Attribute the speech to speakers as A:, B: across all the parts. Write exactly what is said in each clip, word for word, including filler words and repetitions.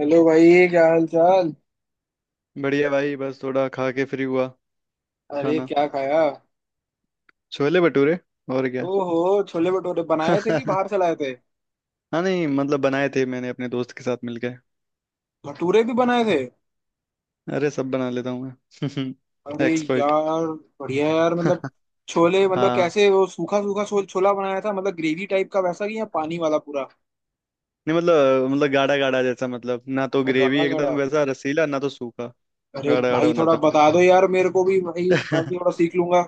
A: Hello भाई, क्या हाल चाल।
B: बढ़िया भाई, बस थोड़ा खा के फ्री हुआ।
A: अरे
B: खाना।
A: क्या खाया?
B: छोले भटूरे। और क्या।
A: ओहो, छोले भटूरे बनाए थे कि बाहर से लाए थे?
B: हाँ, नहीं मतलब बनाए थे मैंने अपने दोस्त के साथ मिलके।
A: भटूरे भी बनाए थे?
B: अरे, सब बना लेता हूँ मैं
A: अरे
B: एक्सपर्ट।
A: यार, बढ़िया यार। मतलब छोले मतलब
B: हाँ,
A: कैसे, वो सूखा सूखा छो, छोला बनाया था, मतलब ग्रेवी टाइप का वैसा कि या पानी वाला पूरा।
B: नहीं मतलब मतलब गाढ़ा गाढ़ा जैसा, मतलब ना तो ग्रेवी
A: गाढ़ा
B: एकदम
A: गाढ़ा?
B: वैसा रसीला, ना तो सूखा।
A: अरे
B: गाढ़ा गाढ़ा
A: भाई थोड़ा
B: बनाता
A: बता दो यार, मेरे को भी भाई।
B: हूँ।
A: मैं भी थोड़ा सीख लूंगा।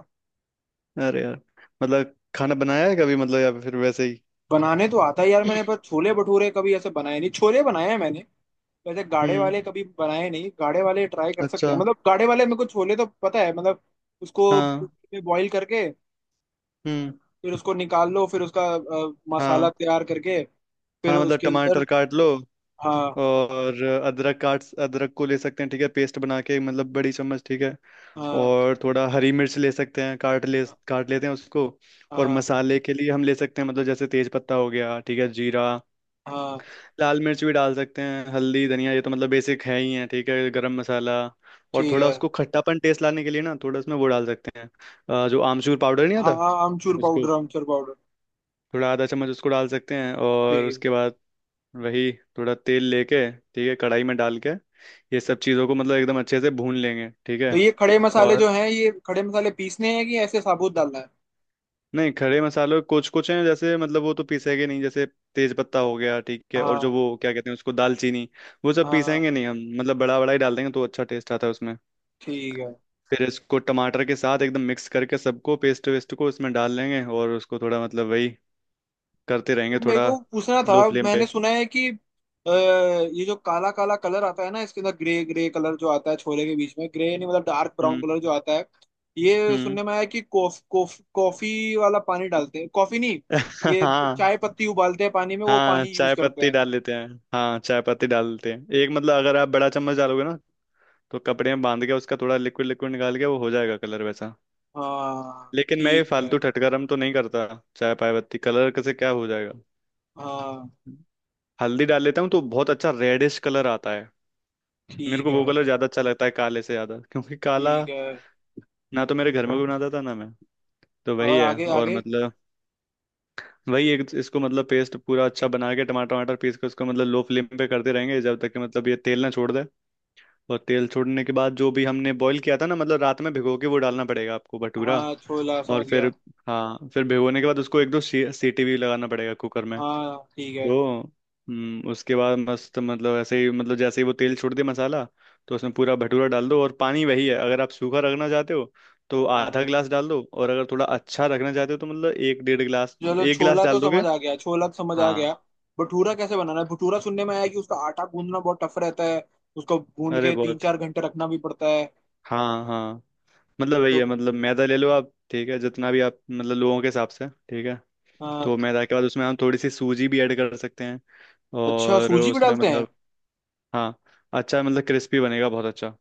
B: अरे यार, मतलब खाना बनाया है कभी, मतलब या फिर वैसे ही।
A: बनाने तो आता है यार मैंने, पर छोले भटूरे कभी ऐसे बनाए नहीं, छोले बनाए हैं मैंने। वैसे गाढ़े
B: हम्म।
A: वाले कभी बनाए नहीं, गाढ़े वाले ट्राई कर सकते
B: अच्छा।
A: हैं। मतलब गाढ़े वाले में कुछ छोले तो पता है मतलब। उसको
B: हाँ।
A: कुकर में बॉईल करके,
B: हम्म।
A: फिर उसको निकाल लो, फिर उसका अ, मसाला
B: हाँ।
A: तैयार करके, फिर
B: हाँ मतलब
A: उसके अंदर।
B: टमाटर काट लो,
A: हाँ।
B: और अदरक काट अदरक को ले सकते हैं, ठीक है, पेस्ट बना के, मतलब बड़ी चम्मच, ठीक है।
A: हाँ।
B: और थोड़ा हरी मिर्च ले सकते हैं, काट ले काट लेते हैं उसको। और
A: हाँ।
B: मसाले के लिए हम ले सकते हैं, मतलब जैसे तेज पत्ता हो गया, ठीक है, जीरा,
A: हाँ
B: लाल मिर्च भी डाल सकते हैं, हल्दी, धनिया, ये तो मतलब बेसिक है ही है, ठीक है, गरम मसाला। और
A: ठीक
B: थोड़ा
A: है।
B: उसको खट्टापन टेस्ट लाने के लिए ना, थोड़ा उसमें वो डाल सकते हैं, अ, जो आमचूर पाउडर नहीं
A: हाँ
B: आता,
A: हाँ, आमचूर
B: उसको,
A: पाउडर, आमचूर पाउडर।
B: थोड़ा आधा चम्मच उसको डाल सकते हैं। और
A: ठीक।
B: उसके बाद वही, थोड़ा तेल लेके, ठीक है, कढ़ाई में डाल के, ये सब चीज़ों को मतलब एकदम अच्छे से भून लेंगे, ठीक
A: तो
B: है।
A: ये खड़े मसाले
B: और
A: जो हैं, ये खड़े मसाले पीसने हैं कि ऐसे साबुत डालना है?
B: नहीं, खड़े मसालों कुछ कुछ हैं जैसे, मतलब वो तो पीसेंगे नहीं, जैसे तेज पत्ता हो गया, ठीक है, और
A: हाँ।
B: जो वो क्या कहते हैं उसको, दालचीनी, वो सब
A: हाँ
B: पीसेंगे नहीं हम, मतलब बड़ा बड़ा ही डाल देंगे तो अच्छा टेस्ट आता है उसमें।
A: ठीक है।
B: फिर इसको टमाटर के साथ एकदम मिक्स करके सबको, पेस्ट वेस्ट को इसमें डाल लेंगे, और उसको थोड़ा मतलब वही करते रहेंगे,
A: तो मेरे
B: थोड़ा
A: को पूछना था,
B: लो फ्लेम पे।
A: मैंने सुना है कि अ, ये जो काला काला कलर आता है ना इसके अंदर, ग्रे ग्रे कलर जो आता है छोले के बीच में, ग्रे नहीं मतलब डार्क ब्राउन
B: हम्म।
A: कलर जो आता है। ये
B: हम्म।
A: सुनने में आया कि कॉफ कॉफ कॉफी वाला पानी डालते हैं। कॉफी नहीं, ये
B: हाँ।
A: चाय पत्ती उबालते हैं पानी में, वो
B: हाँ
A: पानी यूज
B: चाय
A: करते
B: पत्ती
A: हैं।
B: डाल लेते हैं। हाँ चाय पत्ती डाल देते हैं, एक मतलब अगर आप बड़ा चम्मच डालोगे ना, तो कपड़े में बांध के उसका थोड़ा लिक्विड लिक्विड निकाल के, वो हो जाएगा कलर वैसा।
A: हाँ
B: लेकिन मैं ये
A: ठीक है।
B: फालतू ठटकरम तो नहीं करता, चाय पाय पत्ती कलर कैसे क्या हो जाएगा।
A: हाँ
B: हल्दी डाल लेता हूँ तो बहुत अच्छा रेडिश कलर आता है। मेरे
A: ठीक
B: को
A: है।
B: वो कलर ज्यादा अच्छा लगता है काले से, ज्यादा क्योंकि काला
A: ठीक है।
B: ना तो मेरे घर में कोई बनाता था, ना मैं। तो वही
A: और
B: है।
A: आगे
B: और
A: आगे?
B: मतलब वही एक इसको मतलब पेस्ट पूरा अच्छा बना के, टमाटर वमाटर पीस के उसको मतलब लो फ्लेम पे करते रहेंगे जब तक कि मतलब ये तेल ना छोड़ दे। और तेल छोड़ने के बाद जो भी हमने बॉईल किया था ना, मतलब रात में भिगो के, वो डालना पड़ेगा आपको भटूरा।
A: हाँ छोला
B: और
A: समझ गया।
B: फिर, हाँ, फिर भिगोने के बाद उसको एक दो सी- सीटी भी लगाना पड़ेगा कुकर में।
A: हाँ ठीक है।
B: तो हम्म, उसके बाद मस्त, मतलब ऐसे ही, मतलब जैसे ही वो तेल छोड़ दे मसाला, तो उसमें पूरा भटूरा डाल दो। और पानी वही है, अगर आप सूखा रखना चाहते हो तो आधा
A: हाँ,
B: गिलास डाल दो, और अगर थोड़ा अच्छा रखना चाहते हो तो मतलब एक, डेढ़ गिलास, मतलब
A: चलो
B: एक गिलास
A: छोला तो
B: डाल दोगे।
A: समझ आ गया, छोला तो समझ आ गया।
B: हाँ।
A: भटूरा कैसे बनाना है? भटूरा सुनने में आया कि उसका आटा गूंदना बहुत टफ रहता है, उसको गूंद
B: अरे,
A: के तीन
B: बहुत।
A: चार घंटे रखना भी पड़ता है।
B: हाँ हाँ, मतलब वही है,
A: तो
B: मतलब मैदा ले लो आप, ठीक है जितना भी आप मतलब लोगों के हिसाब से, ठीक है।
A: आ,
B: तो मैदा के बाद उसमें हम थोड़ी सी सूजी भी ऐड कर सकते हैं,
A: अच्छा
B: और
A: सूजी भी
B: उसमें
A: डालते हैं?
B: मतलब। हाँ, अच्छा मतलब क्रिस्पी बनेगा बहुत अच्छा।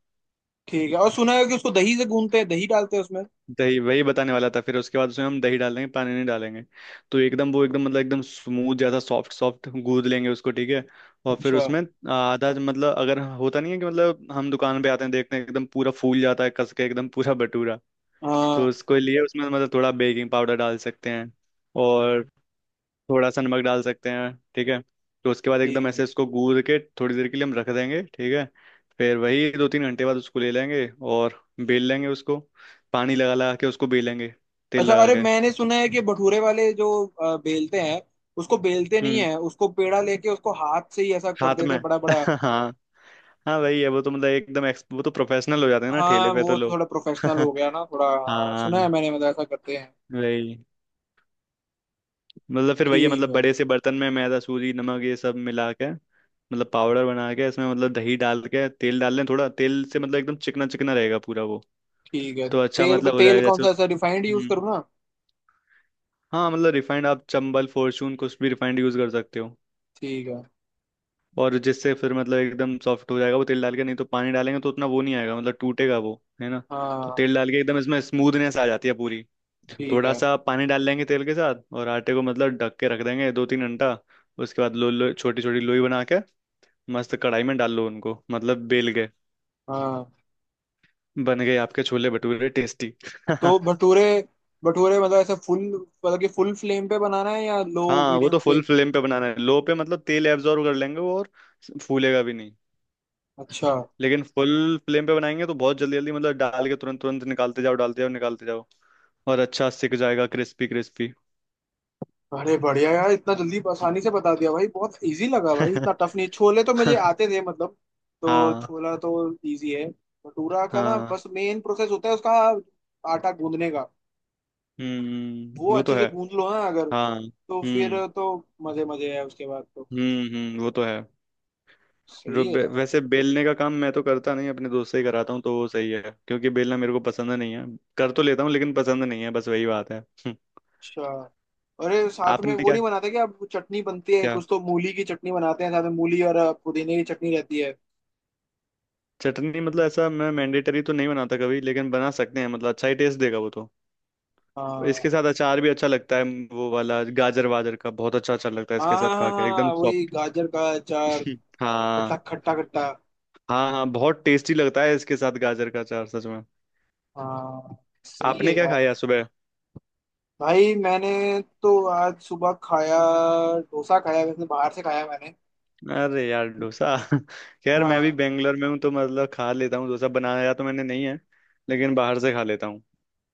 A: ठीक है, और सुना है कि उसको दही से गूंदते हैं, दही डालते हैं उसमें।
B: दही, वही बताने वाला था। फिर उसके बाद उसमें हम दही डालेंगे, पानी नहीं डालेंगे, तो एकदम वो एकदम मतलब एकदम स्मूथ जैसा सॉफ्ट सॉफ्ट गूंद लेंगे उसको, ठीक है। और फिर
A: अच्छा।
B: उसमें, आधा मतलब अगर होता नहीं है कि मतलब हम दुकान पे आते हैं, देखते हैं एकदम पूरा फूल जाता है कस के एकदम पूरा भटूरा, तो
A: हाँ।
B: उसके लिए उसमें मतलब थोड़ा बेकिंग पाउडर डाल सकते हैं, और थोड़ा सा नमक डाल सकते हैं, ठीक है। तो उसके बाद
A: ठीक
B: एकदम
A: है।
B: ऐसे इसको गूंद के थोड़ी देर के लिए हम रख देंगे, ठीक है। फिर वही दो तीन घंटे बाद उसको ले लेंगे और बेल लेंगे उसको, पानी लगा लगा के उसको बेलेंगे, तेल
A: अच्छा,
B: लगा
A: अरे
B: के।
A: मैंने सुना है कि भटूरे वाले जो अ, बेलते हैं, उसको बेलते नहीं
B: हम्म।
A: है, उसको पेड़ा लेके उसको हाथ से ही ऐसा कर
B: हाथ
A: देते
B: में
A: हैं बड़ा बड़ा।
B: हाँ। हाँ वही है, वो तो मतलब एकदम एक्स वो तो प्रोफेशनल हो जाते हैं ना ठेले
A: हाँ
B: पे तो
A: वो तो
B: लोग।
A: थोड़ा प्रोफेशनल हो गया ना थोड़ा, हाँ, सुना है
B: हाँ।
A: मैंने मतलब ऐसा करते हैं।
B: वही, मतलब फिर वही है,
A: ठीक
B: मतलब
A: है।
B: बड़े से बर्तन में मैदा सूजी नमक ये सब मिला के, मतलब पाउडर बना के इसमें मतलब दही डाल के, तेल डाल लें, थोड़ा तेल से मतलब एकदम चिकना चिकना रहेगा पूरा वो।
A: ठीक है।
B: तो अच्छा
A: तेल को,
B: मतलब हो
A: तेल
B: जाएगा
A: कौन
B: जैसे
A: सा,
B: उस।
A: ऐसा रिफाइंड यूज
B: हम्म।
A: करूँ ना?
B: हाँ मतलब रिफाइंड आप चंबल फॉर्चून कुछ भी रिफाइंड यूज कर सकते हो।
A: ठीक है।
B: और जिससे फिर मतलब एकदम सॉफ्ट हो जाएगा, वो तेल डाल के, नहीं तो पानी डालेंगे तो उतना वो नहीं आएगा, मतलब टूटेगा वो, है ना। तो
A: हाँ।
B: तेल डाल के एकदम इसमें स्मूथनेस आ जाती है पूरी।
A: ठीक
B: थोड़ा
A: है।
B: सा पानी डाल लेंगे तेल के साथ, और आटे को मतलब ढक के रख देंगे दो तीन घंटा। उसके बाद लो लो छोटी छोटी लोई बना के, मस्त कढ़ाई में डाल लो उनको, मतलब बेल गए,
A: हाँ
B: बन गए आपके छोले भटूरे टेस्टी।
A: तो भटूरे, भटूरे मतलब ऐसे फुल, मतलब कि फुल फ्लेम पे बनाना है या लो
B: हाँ वो
A: मीडियम
B: तो फुल
A: फ्लेम?
B: फ्लेम पे बनाना है, लो पे मतलब तेल एब्जॉर्ब कर लेंगे वो, और फूलेगा भी नहीं।
A: अच्छा।
B: लेकिन फुल फ्लेम पे बनाएंगे तो बहुत जल्दी जल्दी मतलब डाल के तुरंत तुरंत निकालते जाओ, डालते जाओ निकालते जाओ, और अच्छा सिक जाएगा क्रिस्पी क्रिस्पी।
A: अरे बढ़िया यार, इतना जल्दी आसानी से बता दिया भाई, बहुत इजी लगा भाई, इतना टफ नहीं। छोले तो मुझे आते थे मतलब, तो
B: हाँ
A: छोला तो इजी है। भटूरा का ना
B: हाँ।
A: बस मेन प्रोसेस होता है उसका, आटा गूंदने का। वो
B: हम्म, वो तो
A: अच्छे से
B: है।
A: गूंद लो ना अगर
B: हाँ।
A: तो फिर
B: हम्म
A: तो मजे मजे है उसके बाद तो।
B: हम्म हम्म, वो तो है। जो
A: सही है
B: बे,
A: यार।
B: वैसे बेलने का काम मैं तो करता नहीं, अपने दोस्त से ही कराता हूँ, तो वो सही है क्योंकि बेलना मेरे को पसंद नहीं है। कर तो लेता हूँ लेकिन पसंद नहीं है, बस वही बात है।
A: अच्छा, अरे साथ में
B: आपने
A: वो
B: क्या।
A: नहीं बनाते क्या, अब चटनी बनती है
B: क्या
A: कुछ तो, मूली की चटनी बनाते हैं साथ में मूली, और अ, पुदीने की चटनी रहती है।
B: चटनी? मतलब ऐसा मैं मैंडेटरी तो नहीं बनाता कभी, लेकिन बना सकते हैं, मतलब अच्छा ही टेस्ट देगा वो तो। इसके
A: हाँ
B: साथ अचार भी अच्छा लगता है, वो वाला गाजर वाजर का बहुत अच्छा अचार लगता है
A: हाँ
B: इसके
A: हाँ
B: साथ, खा के
A: हाँ,
B: एकदम
A: हाँ, वही
B: सॉफ्ट।
A: गाजर का अचार, खट्टा
B: हाँ
A: खट्टा खट्टा।
B: हाँ। हाँ, बहुत टेस्टी लगता है इसके साथ गाजर का अचार सच में।
A: हाँ सही है
B: आपने क्या
A: यार।
B: खाया सुबह?
A: भाई मैंने, तो आज सुबह खाया, डोसा खाया, वैसे बाहर से खाया मैंने।
B: अरे यार डोसा खैर मैं भी
A: हाँ।
B: बेंगलोर में हूँ तो मतलब खा लेता हूँ, डोसा बनाया तो मैंने नहीं है, लेकिन बाहर से खा लेता हूँ।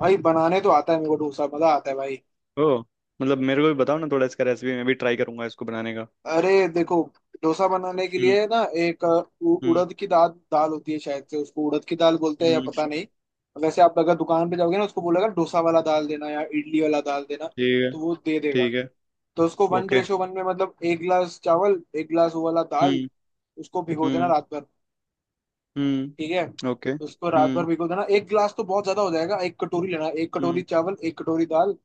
A: भाई बनाने तो आता है मेरे को डोसा, मजा आता है भाई।
B: ओ, मतलब मेरे को भी बताओ ना थोड़ा, इसका रेसिपी मैं भी ट्राई करूंगा इसको बनाने का।
A: अरे देखो, डोसा बनाने के
B: हम्म।
A: लिए ना एक अ, उ-
B: हम्म।
A: उड़द की दाल, दाल होती है शायद से, उसको उड़द की दाल बोलते हैं या
B: हम्म।
A: पता नहीं। वैसे आप अगर दुकान पे जाओगे ना, उसको बोलेगा डोसा वाला दाल देना या इडली वाला दाल देना,
B: ठीक है।
A: तो वो दे देगा।
B: ठीक है।
A: तो उसको वन
B: ओके।
A: रेशो वन में, मतलब एक गिलास चावल एक गिलास वो वाला दाल,
B: हम्म।
A: उसको भिगो देना
B: हम्म।
A: रात भर। ठीक है,
B: हम्म। ओके।
A: उसको रात भर
B: हम्म।
A: भिगो देना। एक गिलास तो बहुत ज्यादा हो जाएगा, एक कटोरी लेना, एक कटोरी
B: हम्म।
A: चावल एक कटोरी दाल,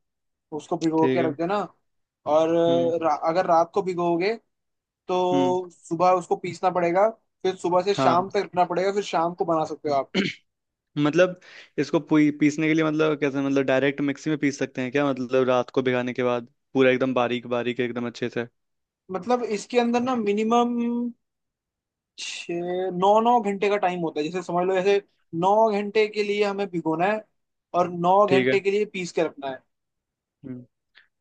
A: उसको भिगो
B: ठीक
A: के रख
B: है।
A: देना। और
B: हम्म।
A: अ, रा, अगर रात को भिगोगे
B: हम्म।
A: तो सुबह उसको पीसना पड़ेगा। फिर सुबह से शाम
B: हाँ।
A: तक रखना पड़ेगा, फिर शाम को बना सकते हो आप।
B: मतलब, इसको पी, पीसने के लिए मतलब कैसे, मतलब डायरेक्ट मिक्सी में पीस सकते हैं क्या, मतलब रात को भिगाने के बाद, पूरा एकदम बारीक बारीक एकदम अच्छे से?
A: मतलब इसके अंदर ना मिनिमम छ, नौ नौ घंटे का टाइम होता है। जैसे समझ लो, जैसे नौ घंटे के लिए हमें भिगोना है और नौ
B: ठीक है।
A: घंटे के लिए पीस के रखना है।
B: हम्म।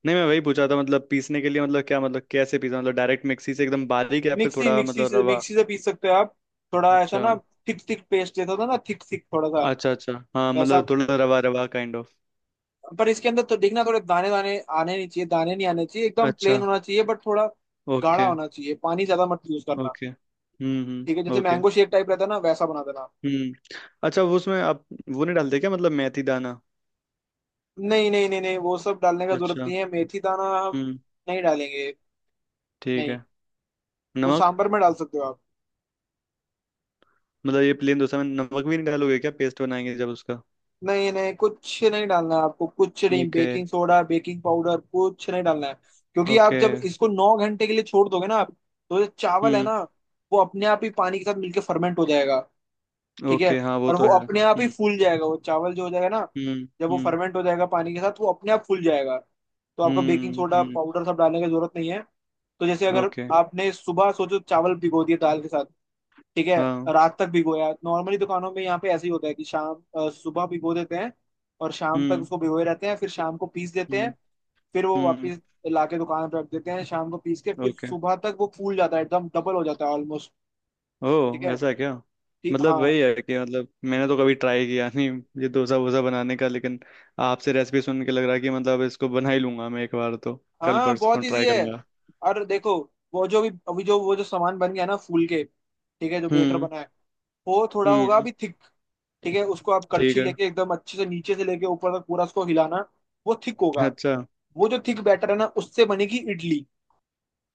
B: नहीं मैं वही पूछा था, मतलब पीसने के लिए मतलब क्या, मतलब कैसे पीसा, मतलब डायरेक्ट मिक्सी से एकदम बारीक, या फिर
A: मिक्सी
B: थोड़ा
A: मिक्सी
B: मतलब
A: से
B: रवा?
A: मिक्सी से पीस सकते हो आप। थोड़ा ऐसा
B: अच्छा।
A: ना, थिक थिक पेस्ट जैसा होता है ना, थिक थिक थोड़ा सा,
B: अच्छा। अच्छा हाँ,
A: वैसा।
B: मतलब थोड़ा रवा रवा काइंड ऑफ।
A: पर इसके अंदर तो देखना, थोड़े दाने दाने आने नहीं चाहिए, दाने नहीं आने चाहिए, एकदम
B: अच्छा।
A: प्लेन होना चाहिए, बट थोड़ा गाढ़ा
B: ओके।
A: होना चाहिए, पानी ज्यादा मत यूज करना।
B: ओके। हम्म।
A: ठीक है,
B: हम्म।
A: जैसे
B: ओके।
A: मैंगो शेक टाइप रहता है ना, वैसा बना देना।
B: हम्म। अच्छा। वो उसमें आप वो नहीं डालते क्या, मतलब मेथी दाना?
A: नहीं नहीं नहीं नहीं, वो सब डालने का जरूरत
B: अच्छा।
A: नहीं है, मेथी दाना हम
B: हम्म।
A: नहीं डालेंगे।
B: ठीक
A: नहीं,
B: है।
A: वो
B: नमक?
A: सांभर में डाल सकते हो आप।
B: मतलब ये प्लेन डोसा में नमक भी नहीं डालोगे क्या, पेस्ट बनाएंगे जब उसका?
A: नहीं नहीं, कुछ नहीं डालना है आपको, कुछ नहीं,
B: okay.
A: Baking soda baking powder कुछ नहीं डालना है। क्योंकि आप
B: ओके।
A: जब इसको नौ घंटे के लिए छोड़ दोगे ना आप, तो ये चावल है
B: हम्म।
A: ना, वो अपने आप ही पानी के साथ मिलके फर्मेंट हो जाएगा। ठीक है,
B: ओके। हाँ वो
A: और
B: तो
A: वो
B: है।
A: अपने आप ही
B: हम्म।
A: फूल जाएगा, वो चावल जो, हो जाएगा ना,
B: हम्म
A: जब वो
B: हम्म।
A: फर्मेंट हो जाएगा पानी के साथ वो अपने आप फूल जाएगा। तो आपको बेकिंग
B: हम्म
A: सोडा
B: हम्म।
A: पाउडर सब डालने की जरूरत नहीं है। तो जैसे अगर
B: ओके।
A: आपने सुबह सोचो चावल भिगो दिए दाल के साथ, ठीक है,
B: हाँ।
A: रात तक भिगोया। नॉर्मली दुकानों में यहाँ पे ऐसे ही होता है कि शाम, अ, सुबह भिगो देते हैं और शाम तक
B: हम्म
A: उसको भिगोए रहते हैं, फिर शाम को पीस देते हैं।
B: हम्म
A: फिर वो
B: हम्म।
A: वापस लाके दुकान पे रख देते हैं शाम को पीस के, फिर
B: ओके।
A: सुबह तक वो फूल जाता है, एकदम डबल हो जाता है ऑलमोस्ट। ठीक
B: ओह,
A: है।
B: ऐसा है क्या?
A: ठीक
B: मतलब
A: हाँ।
B: वही है कि मतलब मैंने तो कभी ट्राई किया नहीं ये डोसा वोसा बनाने का, लेकिन आपसे रेसिपी सुन के लग रहा है कि मतलब इसको बना ही लूंगा मैं एक बार तो, कल
A: हाँ बहुत
B: परसों ट्राई
A: इजी है।
B: करूंगा।
A: और देखो, वो जो भी अभी जो, वो जो सामान बन गया ना फूल के, ठीक है, जो बेटर
B: हम्म।
A: बना है, वो थोड़ा होगा
B: हम्म।
A: अभी थिक। ठीक है, उसको आप
B: ठीक
A: कच्ची
B: है।
A: लेके एकदम अच्छे से नीचे से लेके ऊपर तक पूरा उसको हिलाना। वो थिक होगा।
B: अच्छा।
A: वो जो थिक बैटर है ना, उससे बनेगी इडली।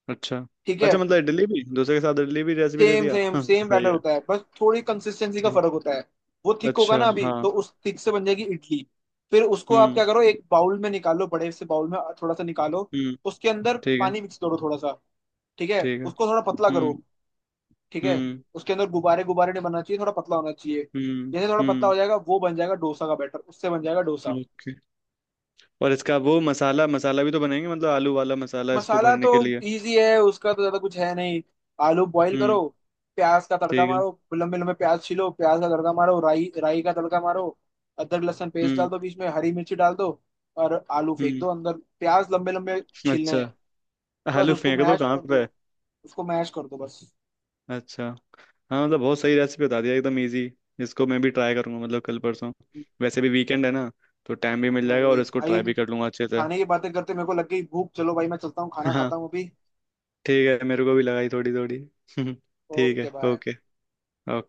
B: अच्छा।
A: ठीक है,
B: अच्छा मतलब इडली भी, डोसे के साथ इडली भी रेसिपी दे
A: सेम
B: दिया,
A: सेम
B: हाँ
A: सेम
B: सही
A: बैटर
B: है।
A: होता है, बस थोड़ी कंसिस्टेंसी का
B: ठीक।
A: फर्क होता है। वो थिक होगा
B: अच्छा।
A: ना अभी,
B: हाँ।
A: तो उस थिक से बन जाएगी इडली। फिर उसको आप
B: हम्म।
A: क्या करो, एक बाउल में निकालो, बड़े से बाउल में थोड़ा सा निकालो,
B: हम्म।
A: उसके अंदर
B: ठीक है।
A: पानी मिक्स करो थोड़ा सा। ठीक है,
B: ठीक है।
A: उसको थोड़ा पतला करो।
B: हम्म।
A: ठीक है,
B: हम्म।
A: उसके अंदर गुब्बारे गुब्बारे नहीं बनना चाहिए, थोड़ा पतला होना चाहिए।
B: हम्म।
A: जैसे थोड़ा पतला
B: हम्म।
A: हो जाएगा, वो बन जाएगा डोसा का बैटर, उससे बन जाएगा डोसा।
B: ओके, और इसका वो मसाला मसाला भी तो बनाएंगे मतलब, आलू वाला मसाला इसको
A: मसाला
B: भरने
A: तो
B: के लिए।
A: इजी है उसका, तो ज्यादा कुछ है नहीं। आलू बॉईल करो,
B: हम्म।
A: प्याज का तड़का
B: ठीक है।
A: मारो, लंबे लंबे प्याज छीलो, प्याज का तड़का मारो, राई राई का तड़का मारो, अदरक लहसुन पेस्ट डाल
B: हम्म।
A: दो, बीच में हरी मिर्ची डाल दो, और आलू फेंक
B: हम्म।
A: दो अंदर। प्याज लंबे लंबे छीलने
B: अच्छा।
A: हैं। बस
B: आलू
A: उसको
B: फेंक दो
A: मैश
B: कहाँ
A: कर दो,
B: पे?
A: उसको मैश कर दो बस।
B: अच्छा। हाँ मतलब बहुत सही रेसिपी बता दिया, एकदम इजी। इसको मैं भी ट्राई करूंगा, मतलब कल परसों, वैसे भी वीकेंड है ना, तो टाइम भी मिल
A: हाँ,
B: जाएगा,
A: वही।
B: और इसको
A: भाई
B: ट्राई भी कर लूंगा अच्छे से।
A: खाने की बातें करते मेरे को लग गई भूख। चलो भाई, मैं चलता हूँ, खाना
B: हाँ।
A: खाता हूँ अभी।
B: ठीक है, मेरे को भी लगाई थोड़ी थोड़ी। ठीक
A: ओके
B: है।
A: बाय।
B: ओके। ओके।